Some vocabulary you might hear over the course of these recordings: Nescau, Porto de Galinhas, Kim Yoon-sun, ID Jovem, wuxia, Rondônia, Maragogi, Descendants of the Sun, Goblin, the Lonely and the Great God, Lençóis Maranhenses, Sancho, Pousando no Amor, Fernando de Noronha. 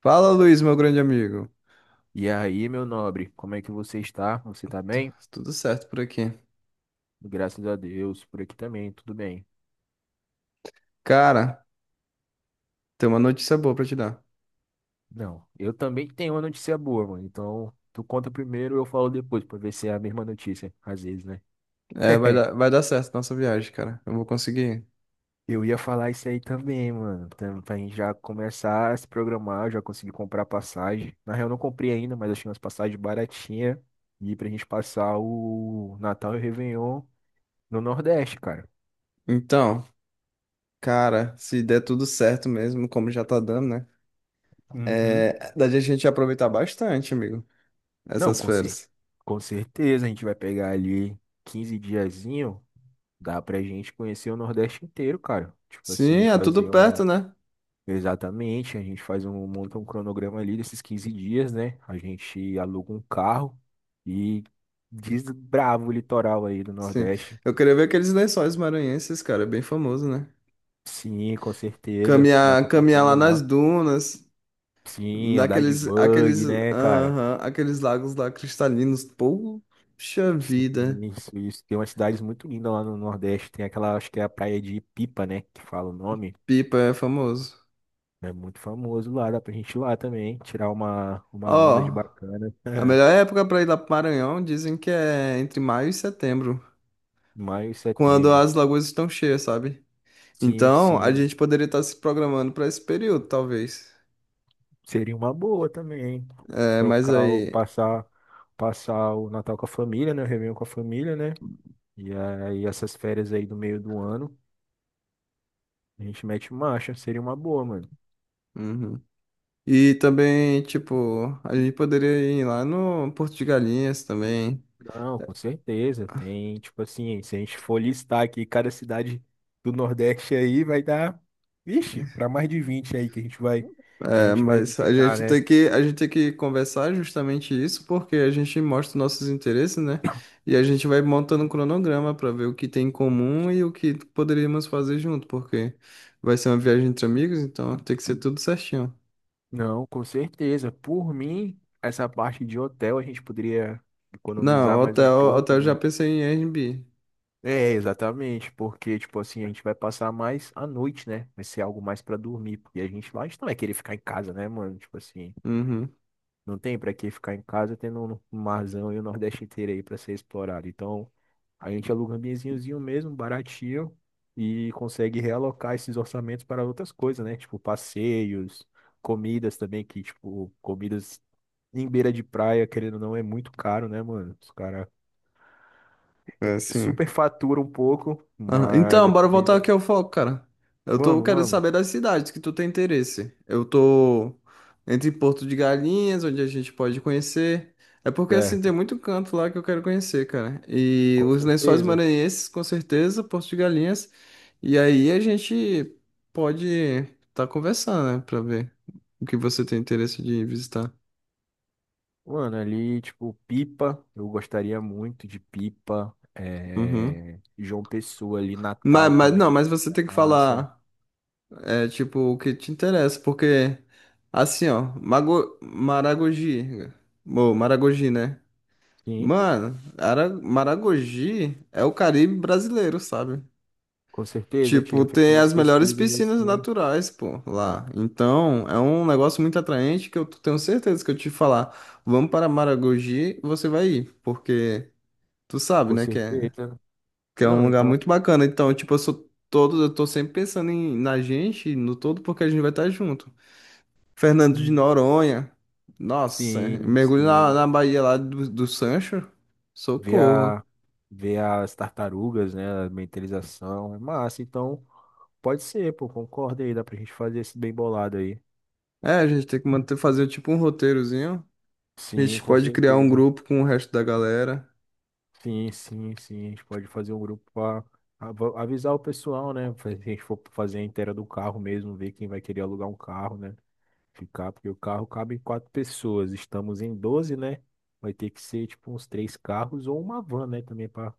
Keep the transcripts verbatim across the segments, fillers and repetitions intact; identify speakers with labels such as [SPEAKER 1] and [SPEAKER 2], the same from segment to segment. [SPEAKER 1] Fala, Luiz, meu grande amigo.
[SPEAKER 2] E aí, meu nobre, como é que você está? Você tá
[SPEAKER 1] Tu-
[SPEAKER 2] bem?
[SPEAKER 1] Tudo certo por aqui.
[SPEAKER 2] Graças a Deus, por aqui também, tudo bem.
[SPEAKER 1] Cara, tem uma notícia boa pra te dar.
[SPEAKER 2] Não, eu também tenho uma notícia boa, mano. Então, tu conta primeiro, eu falo depois, pra ver se é a mesma notícia, às vezes, né?
[SPEAKER 1] É, vai dar, vai dar certo nossa viagem, cara. Eu vou conseguir.
[SPEAKER 2] Eu ia falar isso aí também, mano. Tam- Pra gente já começar a se programar, eu já consegui comprar passagem. Na real, eu não comprei ainda, mas achei umas passagens baratinhas. E pra gente passar o Natal e o Réveillon no Nordeste, cara.
[SPEAKER 1] Então, cara, se der tudo certo mesmo, como já tá dando, né?
[SPEAKER 2] Uhum.
[SPEAKER 1] É, dá a gente aproveitar bastante, amigo,
[SPEAKER 2] Não,
[SPEAKER 1] essas
[SPEAKER 2] com cer-
[SPEAKER 1] férias.
[SPEAKER 2] Com certeza a gente vai pegar ali quinze diazinho, dá pra gente conhecer o Nordeste inteiro, cara. Tipo assim,
[SPEAKER 1] Sim, é tudo
[SPEAKER 2] fazer um.
[SPEAKER 1] perto, né?
[SPEAKER 2] Exatamente, a gente faz um, monta um cronograma ali desses quinze dias, né? A gente aluga um carro e desbrava o litoral aí do
[SPEAKER 1] Sim.
[SPEAKER 2] Nordeste.
[SPEAKER 1] Eu queria ver aqueles lençóis maranhenses, cara, é bem famoso, né?
[SPEAKER 2] Sim, com certeza, dá
[SPEAKER 1] Caminhar,
[SPEAKER 2] pra
[SPEAKER 1] caminhar
[SPEAKER 2] passar
[SPEAKER 1] lá nas
[SPEAKER 2] lá.
[SPEAKER 1] dunas.
[SPEAKER 2] Sim, andar de
[SPEAKER 1] Naqueles, aqueles,
[SPEAKER 2] bug, né, cara?
[SPEAKER 1] aham, aqueles lagos lá cristalinos. Poxa
[SPEAKER 2] Sim,
[SPEAKER 1] vida.
[SPEAKER 2] isso, isso. Tem umas cidades muito lindas lá no Nordeste. Tem aquela, acho que é a praia de Pipa, né? Que fala o nome.
[SPEAKER 1] Pipa é famoso.
[SPEAKER 2] É muito famoso lá, dá pra gente ir lá também, tirar uma, uma onda de
[SPEAKER 1] Ó,
[SPEAKER 2] bacana.
[SPEAKER 1] a melhor época para ir lá pro Maranhão dizem que é entre maio e setembro,
[SPEAKER 2] Maio e
[SPEAKER 1] quando
[SPEAKER 2] setembro.
[SPEAKER 1] as lagoas estão cheias, sabe?
[SPEAKER 2] Sim,
[SPEAKER 1] Então, a
[SPEAKER 2] sim.
[SPEAKER 1] gente poderia estar se programando para esse período, talvez.
[SPEAKER 2] Seria uma boa também, hein?
[SPEAKER 1] É, mas
[SPEAKER 2] Trocar o,
[SPEAKER 1] aí.
[SPEAKER 2] passar, passar o Natal com a família, né? O Réveillon com a família, né? E aí essas férias aí do meio do ano, a gente mete marcha, seria uma boa, mano.
[SPEAKER 1] Uhum. E também, tipo, a gente poderia ir lá no Porto de Galinhas também.
[SPEAKER 2] Não, com certeza. Tem, tipo assim, se a gente for listar aqui cada cidade do Nordeste aí, vai dar, vixe, pra mais de vinte aí que a gente vai, que a
[SPEAKER 1] É,
[SPEAKER 2] gente vai
[SPEAKER 1] mas a
[SPEAKER 2] visitar,
[SPEAKER 1] gente
[SPEAKER 2] né?
[SPEAKER 1] tem que, a gente tem que conversar justamente isso, porque a gente mostra nossos interesses, né? E a gente vai montando um cronograma para ver o que tem em comum e o que poderíamos fazer junto, porque vai ser uma viagem entre amigos, então tem que ser tudo certinho.
[SPEAKER 2] Não, com certeza. Por mim, essa parte de hotel a gente poderia
[SPEAKER 1] Não,
[SPEAKER 2] economizar mais um
[SPEAKER 1] hotel, hotel
[SPEAKER 2] pouco,
[SPEAKER 1] eu já
[SPEAKER 2] né?
[SPEAKER 1] pensei em Airbnb.
[SPEAKER 2] É, exatamente, porque, tipo assim, a gente vai passar mais a noite, né? Vai ser algo mais pra dormir, porque a gente lá, a gente não vai querer ficar em casa, né, mano? Tipo assim.
[SPEAKER 1] Uhum.
[SPEAKER 2] Não tem pra que ficar em casa tendo um marzão e o Nordeste inteiro aí pra ser explorado. Então, a gente aluga um ambientezinhozinho mesmo, baratinho, e consegue realocar esses orçamentos para outras coisas, né? Tipo passeios, comidas também, que, tipo, comidas em beira de praia, querendo ou não, é muito caro, né, mano? Os caras
[SPEAKER 1] É, sim.
[SPEAKER 2] super faturam um pouco,
[SPEAKER 1] Aham.
[SPEAKER 2] mas
[SPEAKER 1] Então,
[SPEAKER 2] a
[SPEAKER 1] bora voltar
[SPEAKER 2] comida.
[SPEAKER 1] aqui ao foco, cara. Eu tô
[SPEAKER 2] Vamos,
[SPEAKER 1] querendo
[SPEAKER 2] vamos.
[SPEAKER 1] saber das cidades que tu tem interesse. Eu tô entre Porto de Galinhas, onde a gente pode conhecer. É porque assim tem
[SPEAKER 2] Certo.
[SPEAKER 1] muito canto lá que eu quero conhecer, cara. E
[SPEAKER 2] Com
[SPEAKER 1] os Lençóis
[SPEAKER 2] certeza.
[SPEAKER 1] Maranhenses, com certeza, Porto de Galinhas. E aí a gente pode estar conversando, né, pra ver o que você tem interesse de visitar.
[SPEAKER 2] Mano, ali, tipo, Pipa, eu gostaria muito de Pipa.
[SPEAKER 1] Uhum.
[SPEAKER 2] É... João Pessoa ali,
[SPEAKER 1] Mas,
[SPEAKER 2] Natal
[SPEAKER 1] mas
[SPEAKER 2] também,
[SPEAKER 1] não, mas você
[SPEAKER 2] seria
[SPEAKER 1] tem que
[SPEAKER 2] massa.
[SPEAKER 1] falar. É tipo o que te interessa, porque assim, ó, mago, Maragogi, bom, Maragogi, né?
[SPEAKER 2] Sim,
[SPEAKER 1] Mano, Ara- Maragogi é o Caribe brasileiro, sabe?
[SPEAKER 2] com certeza, eu
[SPEAKER 1] Tipo,
[SPEAKER 2] tinha feito
[SPEAKER 1] tem
[SPEAKER 2] umas
[SPEAKER 1] as melhores
[SPEAKER 2] pesquisas
[SPEAKER 1] piscinas
[SPEAKER 2] assim,
[SPEAKER 1] naturais, pô, lá. Então, é um negócio muito atraente que eu tenho certeza que eu te falar, vamos para Maragogi, você vai ir, porque tu sabe,
[SPEAKER 2] com
[SPEAKER 1] né, que é,
[SPEAKER 2] certeza.
[SPEAKER 1] que é um
[SPEAKER 2] Não,
[SPEAKER 1] lugar
[SPEAKER 2] então,
[SPEAKER 1] muito
[SPEAKER 2] assim,
[SPEAKER 1] bacana. Então, tipo, eu sou todo, eu tô sempre pensando em, na gente, no todo, porque a gente vai estar junto. Fernando de
[SPEAKER 2] hum,
[SPEAKER 1] Noronha. Nossa,
[SPEAKER 2] sim,
[SPEAKER 1] mergulho na,
[SPEAKER 2] sim.
[SPEAKER 1] na Bahia lá do, do Sancho.
[SPEAKER 2] Ver
[SPEAKER 1] Socorro.
[SPEAKER 2] a, ver as tartarugas, né, a mentalização, é massa. Então, pode ser, pô, concordo aí, dá pra gente fazer esse bem bolado aí.
[SPEAKER 1] É, a gente tem que manter, fazer tipo um roteirozinho. A
[SPEAKER 2] Sim,
[SPEAKER 1] gente
[SPEAKER 2] com
[SPEAKER 1] pode criar um
[SPEAKER 2] certeza.
[SPEAKER 1] grupo com o resto da galera.
[SPEAKER 2] Sim, sim, sim. A gente pode fazer um grupo para avisar o pessoal, né? Se a gente for fazer a inteira do carro mesmo, ver quem vai querer alugar um carro, né? Ficar, porque o carro cabe em quatro pessoas. Estamos em doze, né? Vai ter que ser tipo uns três carros ou uma van, né? Também para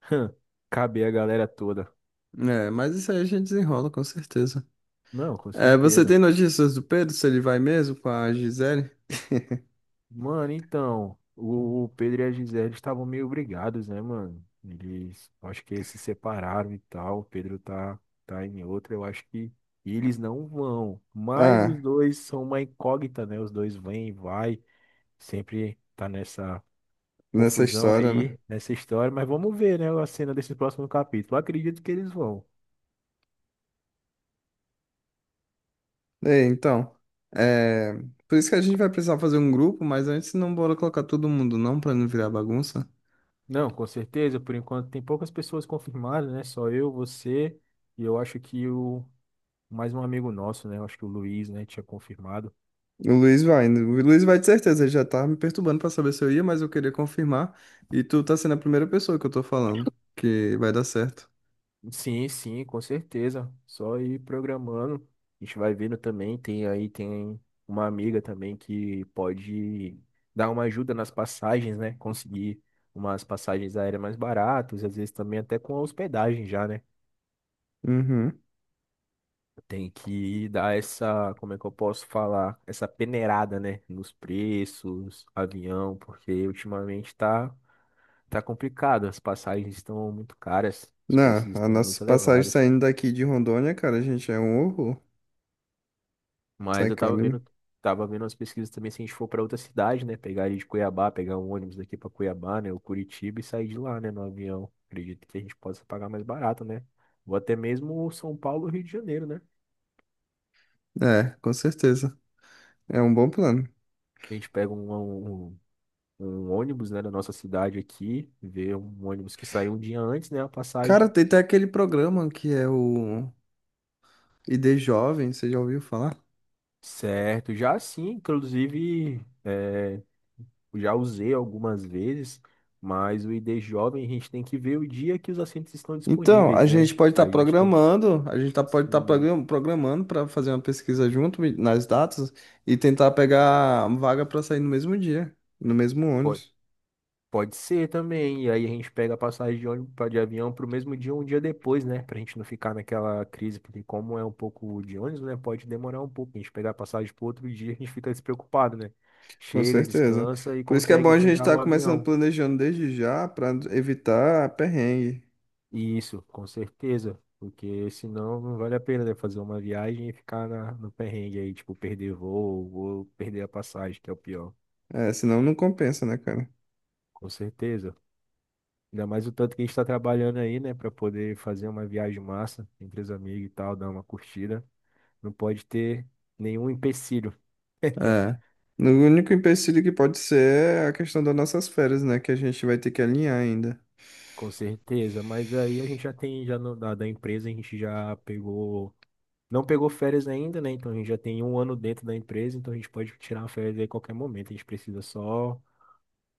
[SPEAKER 2] caber a galera toda.
[SPEAKER 1] É, mas isso aí a gente desenrola, com certeza.
[SPEAKER 2] Não, com
[SPEAKER 1] É, você
[SPEAKER 2] certeza.
[SPEAKER 1] tem notícias do Pedro, se ele vai mesmo com a Gisele?
[SPEAKER 2] Mano, então, o o Pedro e a Gisele estavam meio brigados, né, mano? Eles, acho que eles se separaram e tal. O Pedro tá, tá em outra, eu acho que eles não vão. Mas os
[SPEAKER 1] Ah,
[SPEAKER 2] dois são uma incógnita, né? Os dois vêm e vai, sempre tá nessa
[SPEAKER 1] nessa
[SPEAKER 2] confusão
[SPEAKER 1] história, né?
[SPEAKER 2] aí, nessa história. Mas vamos ver, né, a cena desse próximo capítulo. Eu acredito que eles vão.
[SPEAKER 1] É, então. É, por isso que a gente vai precisar fazer um grupo, mas antes não bora colocar todo mundo, não, pra não virar bagunça.
[SPEAKER 2] Não, com certeza, por enquanto tem poucas pessoas confirmadas, né? Só eu, você. E eu acho que o Mais um amigo nosso, né? Acho que o Luiz, né, tinha confirmado.
[SPEAKER 1] O Luiz vai, né? O Luiz vai de certeza, ele já tá me perturbando pra saber se eu ia, mas eu queria confirmar. E tu tá sendo a primeira pessoa que eu tô falando que vai dar certo.
[SPEAKER 2] Sim, sim, com certeza. Só ir programando. A gente vai vendo também. Tem aí, tem uma amiga também que pode dar uma ajuda nas passagens, né? Conseguir umas passagens aéreas mais baratas, às vezes também até com a hospedagem já, né?
[SPEAKER 1] Uhum.
[SPEAKER 2] Tem que dar essa, como é que eu posso falar? Essa peneirada, né? Nos preços, avião, porque ultimamente tá Tá complicado, as passagens estão muito caras, os preços
[SPEAKER 1] Não, a
[SPEAKER 2] estão
[SPEAKER 1] nossa
[SPEAKER 2] muito
[SPEAKER 1] passagem
[SPEAKER 2] elevados.
[SPEAKER 1] saindo daqui de Rondônia, cara, a gente é um horror.
[SPEAKER 2] Mas
[SPEAKER 1] Sai
[SPEAKER 2] eu tava
[SPEAKER 1] caro.
[SPEAKER 2] vendo, tava vendo as pesquisas também se a gente for para outra cidade, né? Pegar ali de Cuiabá, pegar um ônibus daqui para Cuiabá, né? O Curitiba e sair de lá, né? No avião. Acredito que a gente possa pagar mais barato, né? Ou até mesmo São Paulo, Rio de Janeiro, né?
[SPEAKER 1] É, com certeza. É um bom plano.
[SPEAKER 2] A gente pega um, um, um um ônibus, né, da nossa cidade aqui, vê um ônibus que saiu um dia antes, né? A
[SPEAKER 1] Cara,
[SPEAKER 2] passagem.
[SPEAKER 1] tem até aquele programa que é o I D Jovem, você já ouviu falar?
[SPEAKER 2] Certo, já sim, inclusive. É, já usei algumas vezes, mas o I D Jovem a gente tem que ver o dia que os assentos estão
[SPEAKER 1] Então, a
[SPEAKER 2] disponíveis,
[SPEAKER 1] gente
[SPEAKER 2] né?
[SPEAKER 1] pode estar
[SPEAKER 2] A gente tem que.
[SPEAKER 1] programando, a gente tá, pode estar
[SPEAKER 2] Sim,
[SPEAKER 1] programando para fazer uma pesquisa junto me- nas datas e tentar pegar vaga para sair no mesmo dia, no mesmo
[SPEAKER 2] pode,
[SPEAKER 1] ônibus,
[SPEAKER 2] pode ser também. E aí a gente pega a passagem de ônibus pra- de avião para o mesmo dia ou um dia depois, né? Para a gente não ficar naquela crise, porque como é um pouco de ônibus, né? Pode demorar um pouco. A gente pegar a passagem para outro dia, a gente fica despreocupado, né?
[SPEAKER 1] com
[SPEAKER 2] Chega,
[SPEAKER 1] certeza.
[SPEAKER 2] descansa e
[SPEAKER 1] Por isso que é bom
[SPEAKER 2] consegue
[SPEAKER 1] a gente
[SPEAKER 2] pegar
[SPEAKER 1] estar
[SPEAKER 2] o
[SPEAKER 1] começando
[SPEAKER 2] avião.
[SPEAKER 1] planejando desde já para evitar perrengue.
[SPEAKER 2] Isso, com certeza. Porque senão não vale a pena, né, fazer uma viagem e ficar na, no perrengue aí, tipo, perder voo ou perder a passagem, que é o pior.
[SPEAKER 1] É, senão não compensa, né, cara?
[SPEAKER 2] Com certeza. Ainda mais o tanto que a gente está trabalhando aí, né, para poder fazer uma viagem massa entre os amigos e tal, dar uma curtida. Não pode ter nenhum empecilho.
[SPEAKER 1] É. O único empecilho que pode ser é a questão das nossas férias, né? Que a gente vai ter que alinhar ainda.
[SPEAKER 2] Com certeza, mas aí a gente já tem, já no, da, da empresa, a gente já pegou Não pegou férias ainda, né? Então a gente já tem um ano dentro da empresa, então a gente pode tirar uma férias aí a qualquer momento. A gente precisa só,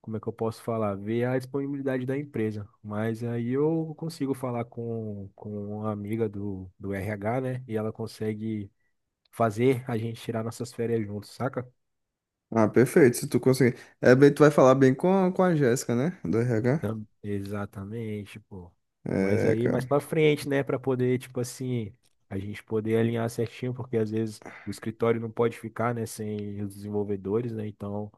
[SPEAKER 2] como é que eu posso falar? Ver a disponibilidade da empresa. Mas aí eu consigo falar com, com uma amiga do, do R H, né? E ela consegue fazer a gente tirar nossas férias juntos, saca?
[SPEAKER 1] Ah, perfeito. Se tu conseguir. É bem, tu vai falar bem com, a- com a Jéssica, né? Do R H.
[SPEAKER 2] Tam- Exatamente, pô. Mas
[SPEAKER 1] É,
[SPEAKER 2] aí mais
[SPEAKER 1] cara,
[SPEAKER 2] pra frente, né? Pra poder, tipo assim, a gente poder alinhar certinho, porque às vezes o escritório não pode ficar, né? Sem os desenvolvedores, né? Então.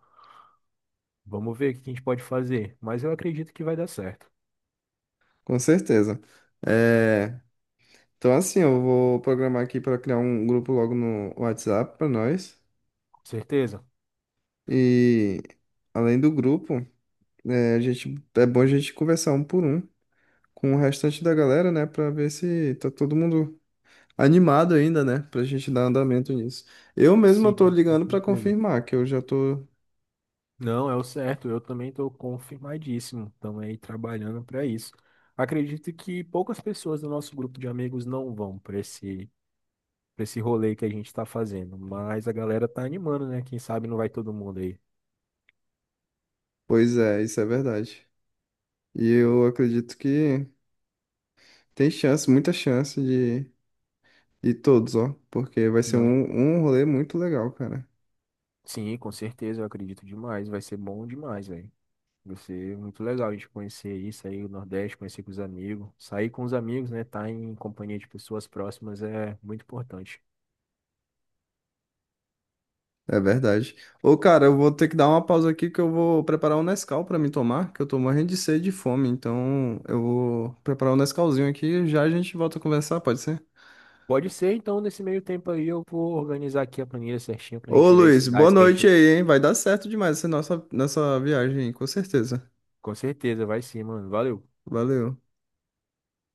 [SPEAKER 2] Vamos ver o que a gente pode fazer, mas eu acredito que vai dar certo.
[SPEAKER 1] com certeza. É, então, assim, eu vou programar aqui para criar um grupo logo no WhatsApp para nós.
[SPEAKER 2] Com certeza?
[SPEAKER 1] E, além do grupo, é, a gente, é bom a gente conversar um por um com o restante da galera, né? Para ver se tá todo mundo animado ainda, né? Para a gente dar andamento nisso. Eu mesmo eu tô
[SPEAKER 2] Sim, com
[SPEAKER 1] ligando para
[SPEAKER 2] certeza.
[SPEAKER 1] confirmar que eu já tô.
[SPEAKER 2] Não, é o certo. Eu também estou confirmadíssimo. Estamos aí trabalhando para isso. Acredito que poucas pessoas do nosso grupo de amigos não vão para esse, para esse rolê que a gente está fazendo, mas a galera tá animando, né? Quem sabe não vai todo mundo aí.
[SPEAKER 1] Pois é, isso é verdade. E eu acredito que tem chance, muita chance e todos, ó. Porque vai ser
[SPEAKER 2] Não.
[SPEAKER 1] um, um rolê muito legal, cara.
[SPEAKER 2] Sim, com certeza, eu acredito demais. Vai ser bom demais, velho. Você, muito legal a gente conhecer isso aí, o Nordeste, conhecer com os amigos. Sair com os amigos, né? Estar em companhia de pessoas próximas é muito importante.
[SPEAKER 1] É verdade. Ô, cara, eu vou ter que dar uma pausa aqui que eu vou preparar um Nescau pra me tomar, que eu tô morrendo de sede e fome. Então, eu vou preparar um Nescauzinho aqui e já a gente volta a conversar, pode ser?
[SPEAKER 2] Pode ser, então, nesse meio tempo aí, eu vou organizar aqui a planilha certinha pra
[SPEAKER 1] Ô,
[SPEAKER 2] gente ver as
[SPEAKER 1] Luiz, boa
[SPEAKER 2] cidades que a gente.
[SPEAKER 1] noite aí, hein? Vai dar certo demais essa nossa, nossa viagem, aí, com certeza.
[SPEAKER 2] Com certeza, vai sim, mano. Valeu.
[SPEAKER 1] Valeu.